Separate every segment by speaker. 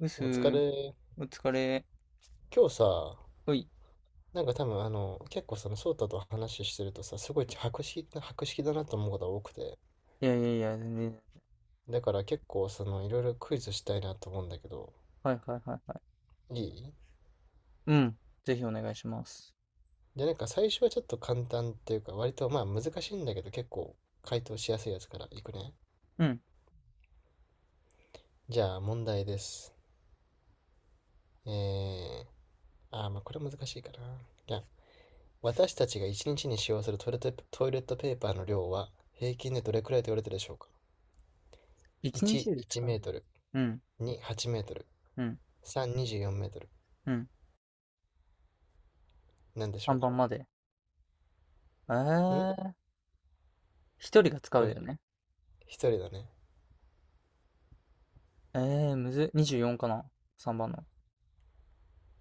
Speaker 1: うす
Speaker 2: お疲
Speaker 1: ー、
Speaker 2: れ。
Speaker 1: お疲れ。
Speaker 2: 今日さ、
Speaker 1: おい。
Speaker 2: なんか多分あの、結構その翔太と話してるとさ、すごい博識だなと思うことが多くて。
Speaker 1: いやいやいや、全然。
Speaker 2: だから結構その、いろいろクイズしたいなと思うんだけど、
Speaker 1: はいはいはいはい。
Speaker 2: いい
Speaker 1: うん。ぜひお願いします。
Speaker 2: じゃなんか最初はちょっと簡単っていうか、割とまあ難しいんだけど、結構回答しやすいやつからいくね。
Speaker 1: うん。
Speaker 2: じゃあ問題です。えー、まあこれ難しいかな。じゃあ、私たちが一日にちに使用するトイレットペーパーの量は、平均でどれくらいと言われてるでしょうか？
Speaker 1: 一
Speaker 2: 1、
Speaker 1: 日で
Speaker 2: 1
Speaker 1: 使
Speaker 2: メ
Speaker 1: う。
Speaker 2: ートル。
Speaker 1: うん。
Speaker 2: 2、8メートル。
Speaker 1: うん。
Speaker 2: 3、24メートル。
Speaker 1: うん。
Speaker 2: なんでし
Speaker 1: さん
Speaker 2: ょ
Speaker 1: ば番まで。え
Speaker 2: うん、
Speaker 1: ー。一人が使うだ
Speaker 2: 鳥。
Speaker 1: よね。
Speaker 2: 一人だね。
Speaker 1: えむずっ。24かな？ 3 番の。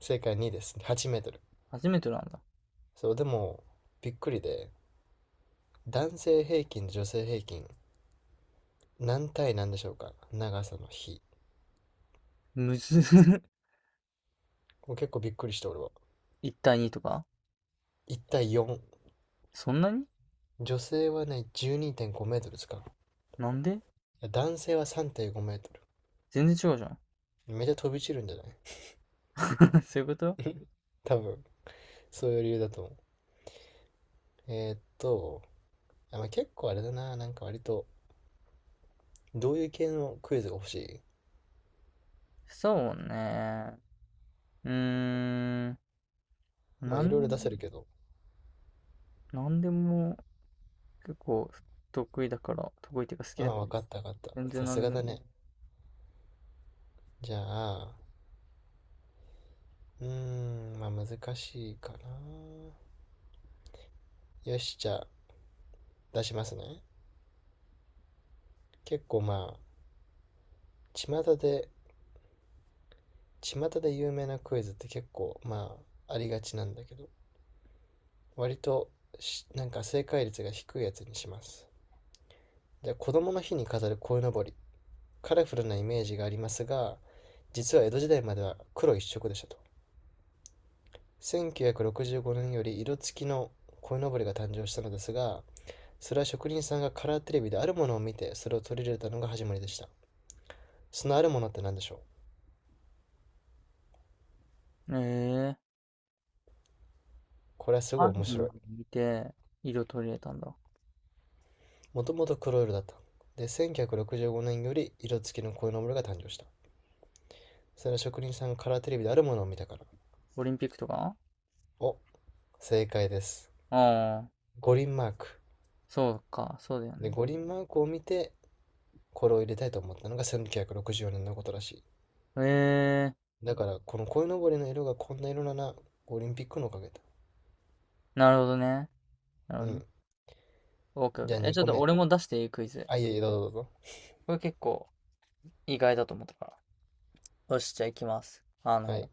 Speaker 2: 正解2です。8メートル。
Speaker 1: 初めてなんだ。
Speaker 2: そう、でも、びっくりで、男性平均、女性平均、何対何でしょうか、長さの比。
Speaker 1: むずっ。
Speaker 2: これ結構びっくりして、俺は。
Speaker 1: 1対2とか。
Speaker 2: 1対4。
Speaker 1: そんなに。
Speaker 2: 女性はね、12.5メートルですか。
Speaker 1: なんで。
Speaker 2: いや男性は3.5メートル。
Speaker 1: 全然違うじゃん。
Speaker 2: めっちゃ飛び散るんじゃない？
Speaker 1: そういうこと。
Speaker 2: 多分、そういう理由だと思う。えーっと、あ、まあ、結構あれだな。なんか割と、どういう系のクイズが欲しい？
Speaker 1: そうね。うーん。
Speaker 2: まあ、
Speaker 1: な
Speaker 2: い
Speaker 1: ん
Speaker 2: ろい
Speaker 1: で
Speaker 2: ろ
Speaker 1: も、
Speaker 2: 出せるけど、
Speaker 1: なんでも結構得意だから、得意っていうか好
Speaker 2: あ
Speaker 1: きだ
Speaker 2: あ、
Speaker 1: か
Speaker 2: わ
Speaker 1: ら。
Speaker 2: かったわかった。
Speaker 1: 全然
Speaker 2: さ
Speaker 1: 何
Speaker 2: す
Speaker 1: で
Speaker 2: が
Speaker 1: も
Speaker 2: だ
Speaker 1: いい。
Speaker 2: ね。じゃあ、うーん、まあ難しいかな。よし、じゃあ出しますね。結構まあ、巷で、巷で有名なクイズって結構まあ、ありがちなんだけど、割となんか正解率が低いやつにします。じゃあ、子供の日に飾る鯉のぼり。カラフルなイメージがありますが、実は江戸時代までは黒一色でしたと。1965年より色付きの鯉のぼりが誕生したのですが、それは職人さんがカラーテレビであるものを見て、それを取り入れたのが始まりでした。そのあるものって何でしょう？
Speaker 1: ええー、
Speaker 2: これはすご
Speaker 1: あ
Speaker 2: い面
Speaker 1: るの
Speaker 2: 白い。
Speaker 1: 見て、色取り入れたんだ。
Speaker 2: もともと黒色だった。で、1965年より色付きのこういうのものが誕生した。それは職人さんがカラーテレビであるものを見たから。
Speaker 1: オリンピックとか。
Speaker 2: お、正解です。
Speaker 1: ああ、
Speaker 2: 五輪マーク。
Speaker 1: そうか、そうだよ
Speaker 2: で、
Speaker 1: ね。
Speaker 2: 五輪マークを見て、これを入れたいと思ったのが1964年のことらし
Speaker 1: ええー。
Speaker 2: い。だから、この鯉のぼりの色がこんな色なら、オリンピックのおかげだ。
Speaker 1: なるほどね。なる
Speaker 2: う
Speaker 1: ほど
Speaker 2: ん。
Speaker 1: ね。オッケーオ
Speaker 2: じ
Speaker 1: ッケ
Speaker 2: ゃあ
Speaker 1: ー。え、
Speaker 2: 2
Speaker 1: ちょっ
Speaker 2: 個
Speaker 1: と
Speaker 2: 目。
Speaker 1: 俺も出していいクイズ。
Speaker 2: あ、いえいえ、どうぞどうぞ。
Speaker 1: これ結構意外だと思ったから。よし、じゃあ行きます。
Speaker 2: はい。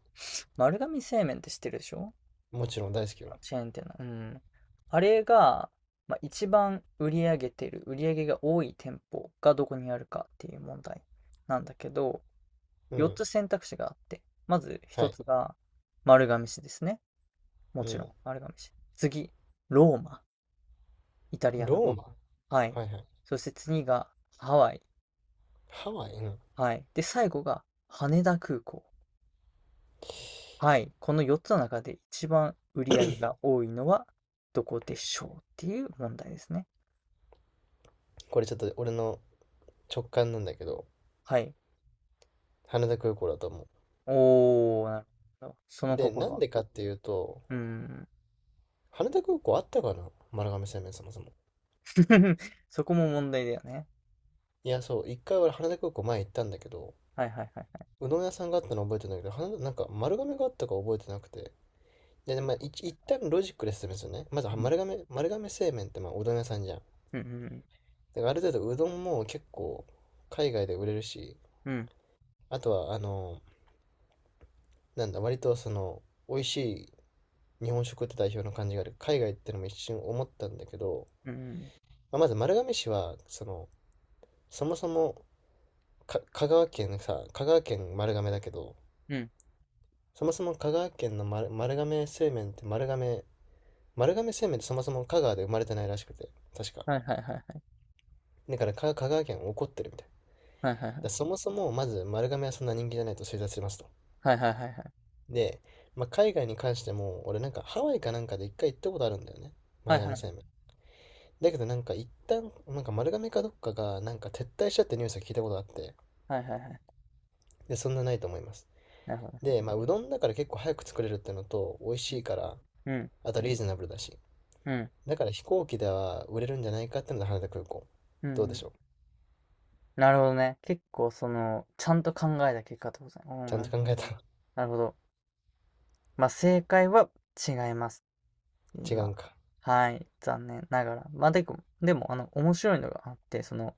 Speaker 1: 丸亀製麺って知ってるでしょ？
Speaker 2: もちろん大好きよ。
Speaker 1: チェーン店の。うん。あれが、まあ、一番売り上げてる、売り上げが多い店舗がどこにあるかっていう問題なんだけど、
Speaker 2: う
Speaker 1: 4
Speaker 2: ん。
Speaker 1: つ選択肢があって、まず
Speaker 2: は
Speaker 1: 1
Speaker 2: い。
Speaker 1: つが丸亀市ですね。も
Speaker 2: う
Speaker 1: ちろ
Speaker 2: ん。
Speaker 1: ん丸亀市。次、ローマ。イタリアの
Speaker 2: ロ
Speaker 1: ロー
Speaker 2: ーマ、
Speaker 1: マ。はい。
Speaker 2: はいはい。
Speaker 1: そして次がハワイ。
Speaker 2: ハワイ、うん。
Speaker 1: はい。で、最後が羽田空港。はい。この4つの中で一番売り上げが多いのはどこでしょうっていう問題ですね。
Speaker 2: これちょっと俺の直感なんだけど、
Speaker 1: はい。
Speaker 2: 羽田空港だと思
Speaker 1: おー、なるほど。そ
Speaker 2: う。
Speaker 1: の
Speaker 2: で、な
Speaker 1: 心
Speaker 2: ん
Speaker 1: は。
Speaker 2: でかっていうと、
Speaker 1: うーん。
Speaker 2: 羽田空港あったかな、丸亀製麺そもそも。
Speaker 1: そこも問題だよね。
Speaker 2: いや、そう、一回俺羽田空港前行ったんだけど、
Speaker 1: はいはいはいは
Speaker 2: うどん屋さんがあったの覚えてるんだけど、羽田、なんか丸亀があったか覚えてなくて。で、まあ、一旦ロジックで説明するね。まずは
Speaker 1: い。うん。
Speaker 2: 丸亀製麺ってまあうどん屋さんじゃん。だ
Speaker 1: うんうん
Speaker 2: からある程度うどんも結構海外で売れるし、
Speaker 1: うん。
Speaker 2: あとはあの、なんだ、割とその、美味しい日本食って代表の感じがある。海外ってのも一瞬思ったんだけど、
Speaker 1: うん。うんうん。
Speaker 2: まあ、まず丸亀市は、その、そもそも香川県さ、香川県丸亀だけど、
Speaker 1: うん。
Speaker 2: そもそも香川県の丸亀製麺ってそもそも香川で生まれてないらしくて、確か。
Speaker 1: はいはいはいはい。
Speaker 2: だから香川県怒ってるみたい。
Speaker 1: はいはいは
Speaker 2: だそもそもまず丸亀はそんな人気じゃないと推察しますと。
Speaker 1: いはい。
Speaker 2: で、まあ、海外に関しても、俺なんかハワイかなんかで一回行ったことあるんだよね。
Speaker 1: はい
Speaker 2: 丸
Speaker 1: はい
Speaker 2: 亀
Speaker 1: はい。
Speaker 2: 製麺。だけどなんか一旦、なんか丸亀かどっかが、なんか撤退しちゃってニュースを聞いたことがあって、
Speaker 1: はいはいはい。
Speaker 2: で、そんなないと思います。
Speaker 1: なるほど。
Speaker 2: で、まあ、うどんだから結構早く作れるってのと、美味
Speaker 1: う
Speaker 2: し
Speaker 1: ん。
Speaker 2: いから、
Speaker 1: うん。
Speaker 2: あとリーズナブルだし。
Speaker 1: うん。
Speaker 2: だから飛行機では売れるんじゃないかってので羽田空港。
Speaker 1: う
Speaker 2: どうで
Speaker 1: ん。
Speaker 2: しょう？
Speaker 1: なるほどね。結構その、ちゃんと考えた結果ってことですね。う
Speaker 2: ち
Speaker 1: ん、
Speaker 2: ゃん
Speaker 1: なる
Speaker 2: と
Speaker 1: ほ
Speaker 2: 考
Speaker 1: ど。
Speaker 2: えた。
Speaker 1: なるほど。まあ正解は違います。
Speaker 2: 違う
Speaker 1: 今。
Speaker 2: んか。
Speaker 1: はい。残念ながら。まあでも、でも、面白いのがあって、その、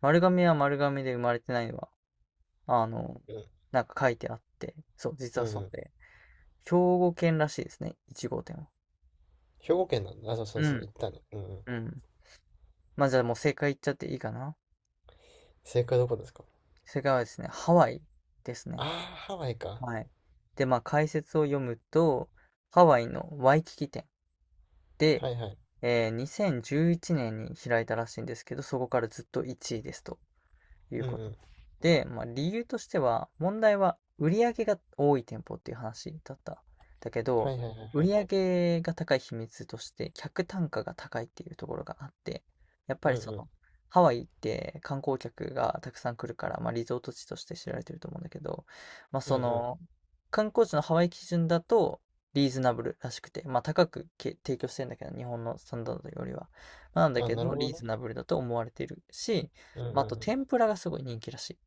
Speaker 1: 丸亀は丸亀で生まれてないのは、あの、
Speaker 2: うん。
Speaker 1: なんか書いてあって、そう、実
Speaker 2: うん
Speaker 1: は
Speaker 2: う
Speaker 1: そ
Speaker 2: ん。
Speaker 1: うで、兵庫県らしいですね。一号店は。
Speaker 2: 兵庫県なんだ。あ、そうそう
Speaker 1: う
Speaker 2: そう。
Speaker 1: ん。
Speaker 2: 行ったね。うんうん。
Speaker 1: うん。まあ、じゃあもう正解言っちゃっていいかな。
Speaker 2: 正解はどこですか？
Speaker 1: 正解はですね、ハワイです
Speaker 2: あ
Speaker 1: ね。
Speaker 2: あー、ハワイか。
Speaker 1: はい。で、まあ解説を読むと、ハワイのワイキキ店で、
Speaker 2: はいはい。
Speaker 1: 2011年に開いたらしいんですけど、そこからずっと1位ですと。い
Speaker 2: う
Speaker 1: う
Speaker 2: んう
Speaker 1: こと。
Speaker 2: ん。
Speaker 1: で、まあ、理由としては、問題は売上が多い店舗っていう話だった。だけ
Speaker 2: はい
Speaker 1: ど、
Speaker 2: はいはい
Speaker 1: 売
Speaker 2: は
Speaker 1: り
Speaker 2: い。
Speaker 1: 上上が高い秘密として、客単価が高いっていうところがあって、やっぱ
Speaker 2: うん
Speaker 1: り
Speaker 2: う
Speaker 1: そ
Speaker 2: ん。
Speaker 1: の、ハワイって観光客がたくさん来るから、まあ、リゾート地として知られてると思うんだけど、まあ、
Speaker 2: うん
Speaker 1: そ
Speaker 2: う
Speaker 1: の、観光地のハワイ基準だと、リーズナブルらしくて、まあ、高く提供してんだけど、日本のスタンダードよりは。まあなん
Speaker 2: ん。
Speaker 1: だ
Speaker 2: あ、
Speaker 1: け
Speaker 2: なる
Speaker 1: ど、
Speaker 2: ほど
Speaker 1: リーズ
Speaker 2: ね。
Speaker 1: ナブルだと思われているし、
Speaker 2: うんう
Speaker 1: ま
Speaker 2: ん
Speaker 1: あ、あ
Speaker 2: う
Speaker 1: と
Speaker 2: ん。
Speaker 1: 天ぷらがすごい人気らしい。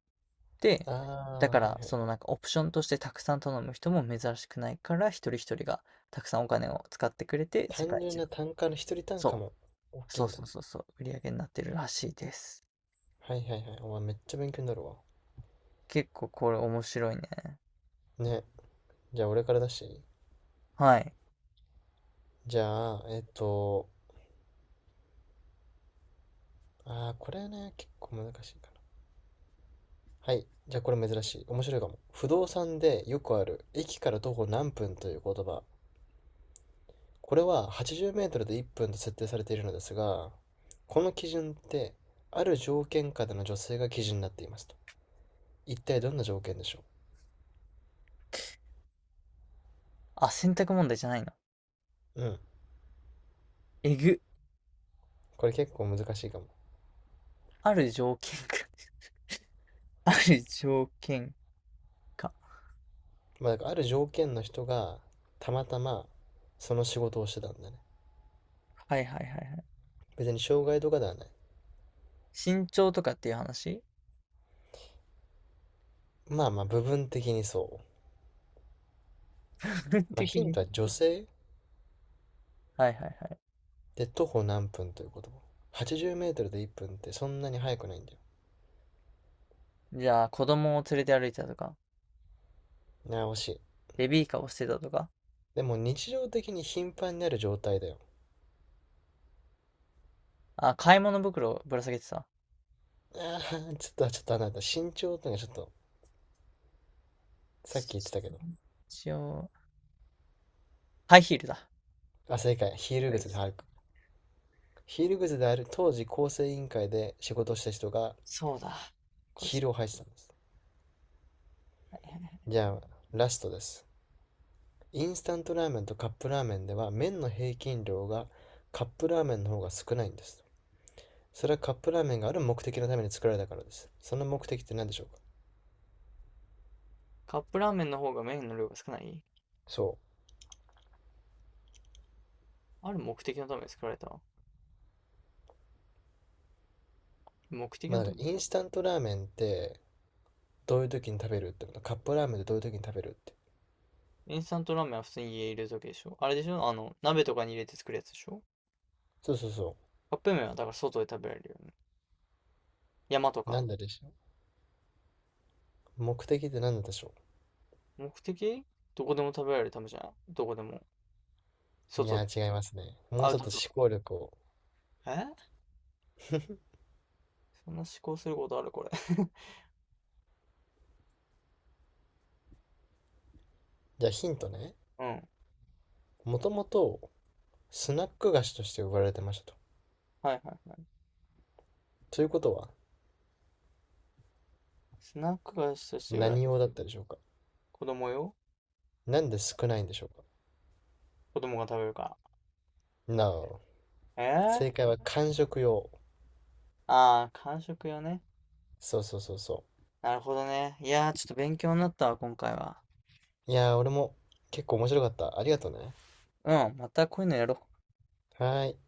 Speaker 1: で、
Speaker 2: あ
Speaker 1: だか
Speaker 2: あ、はい
Speaker 1: ら
Speaker 2: は
Speaker 1: そ
Speaker 2: い。
Speaker 1: のなんかオプションとしてたくさん頼む人も珍しくないから一人一人がたくさんお金を使ってくれて世
Speaker 2: 単
Speaker 1: 界一
Speaker 2: 純な
Speaker 1: の、
Speaker 2: 単価の、一人単価
Speaker 1: そう、
Speaker 2: も大きいんだ。
Speaker 1: そう、売り上げになってるらしいです。
Speaker 2: はいはいはい。お前めっちゃ勉強になるわ。
Speaker 1: 結構これ面白いね。
Speaker 2: ね。じゃあ俺から出していい？
Speaker 1: はい。
Speaker 2: じゃあ、あーこれね、結構難しいかな。はい。じゃあこれ珍しい。面白いかも。不動産でよくある、駅から徒歩何分という言葉。これは80メートルで1分と設定されているのですが、この基準って、ある条件下での女性が基準になっていますと。一体どんな条件でしょ
Speaker 1: あ、選択問題じゃないの。
Speaker 2: う？うん。
Speaker 1: えぐ。
Speaker 2: これ結構難しいかも。
Speaker 1: ある条件か。 ある条件か。
Speaker 2: まあ、だからある条件の人がたまたまその仕事をしてたんだね。
Speaker 1: はいはいはいはい。
Speaker 2: 別に障害とかではない。
Speaker 1: 身長とかっていう話。
Speaker 2: まあまあ部分的にそう。
Speaker 1: 部分
Speaker 2: まあ
Speaker 1: 的
Speaker 2: ヒン
Speaker 1: に。
Speaker 2: トは女性
Speaker 1: はいはいは
Speaker 2: で徒歩何分ということ。80メートルで1分ってそんなに速くないんだよ。
Speaker 1: い。じゃあ、子供を連れて歩いたとか、
Speaker 2: なあ、惜しい。
Speaker 1: ベビーカーをしてたとか、
Speaker 2: でも日常的に頻繁になる状態だよ。
Speaker 1: あ、買い物袋をぶら下げてた。
Speaker 2: ああ、ちょっとあなた、身長ってのがちょっと、さっき言ってたけど。
Speaker 1: 一応、ハイヒールだ。
Speaker 2: あ、正解。ヒール
Speaker 1: はい。
Speaker 2: 靴で歩く。ヒール靴である当時構成委員会で仕事をした人が
Speaker 1: そうだ。これ
Speaker 2: ヒー
Speaker 1: 知
Speaker 2: ルを履いてたんです。
Speaker 1: らない。
Speaker 2: じゃあ、ラストです。インスタントラーメンとカップラーメンでは麺の平均量がカップラーメンの方が少ないんです。それはカップラーメンがある目的のために作られたからです。その目的って何でしょうか？
Speaker 1: カップラーメンの方が麺の量が少ない。
Speaker 2: そ
Speaker 1: ある目的のために作られた。目的
Speaker 2: う。ま
Speaker 1: の
Speaker 2: あ
Speaker 1: た
Speaker 2: だか
Speaker 1: めに
Speaker 2: らイン
Speaker 1: 作ら
Speaker 2: スタントラーメンってどういう時に食べるってこと、カップラーメンってどういう時に食べるって。
Speaker 1: れた。インスタントラーメンは普通に家に入れるだけでしょ。あれでしょあの、鍋とかに入れて作るやつでしょ？
Speaker 2: そうそうそ
Speaker 1: カップ麺はだから外で食べられるよね。山と
Speaker 2: う。な
Speaker 1: か。
Speaker 2: んででしょう？目的って何なんでしょ
Speaker 1: 目的。どこでも食べられるためじゃん。どこでも。
Speaker 2: う？い
Speaker 1: 外
Speaker 2: や
Speaker 1: でも。
Speaker 2: ー違いますね。もう
Speaker 1: ア
Speaker 2: ち
Speaker 1: ウ
Speaker 2: ょっ
Speaker 1: ト
Speaker 2: と
Speaker 1: ド
Speaker 2: 思考力を。
Speaker 1: ア。え、そんな思考することあるこれ。
Speaker 2: じゃあヒントね。
Speaker 1: うん。
Speaker 2: もともとスナック菓子として売られてましたと。
Speaker 1: はいはいはい。
Speaker 2: ということは
Speaker 1: スナック菓子として売ら
Speaker 2: 何
Speaker 1: れ。
Speaker 2: 用だったでしょうか？
Speaker 1: 子供よ。
Speaker 2: なんで少ないんでしょうか？
Speaker 1: 子供が食べるか
Speaker 2: No。
Speaker 1: ら。え
Speaker 2: 正
Speaker 1: ー、
Speaker 2: 解は間食用。
Speaker 1: ああ、間食よね。
Speaker 2: そうそうそうそ
Speaker 1: なるほどね。いやー、ちょっと勉強になったわ、今回は。
Speaker 2: う。いやー、俺も結構面白かった。ありがとね。
Speaker 1: うん、またこういうのやろう。
Speaker 2: はーい。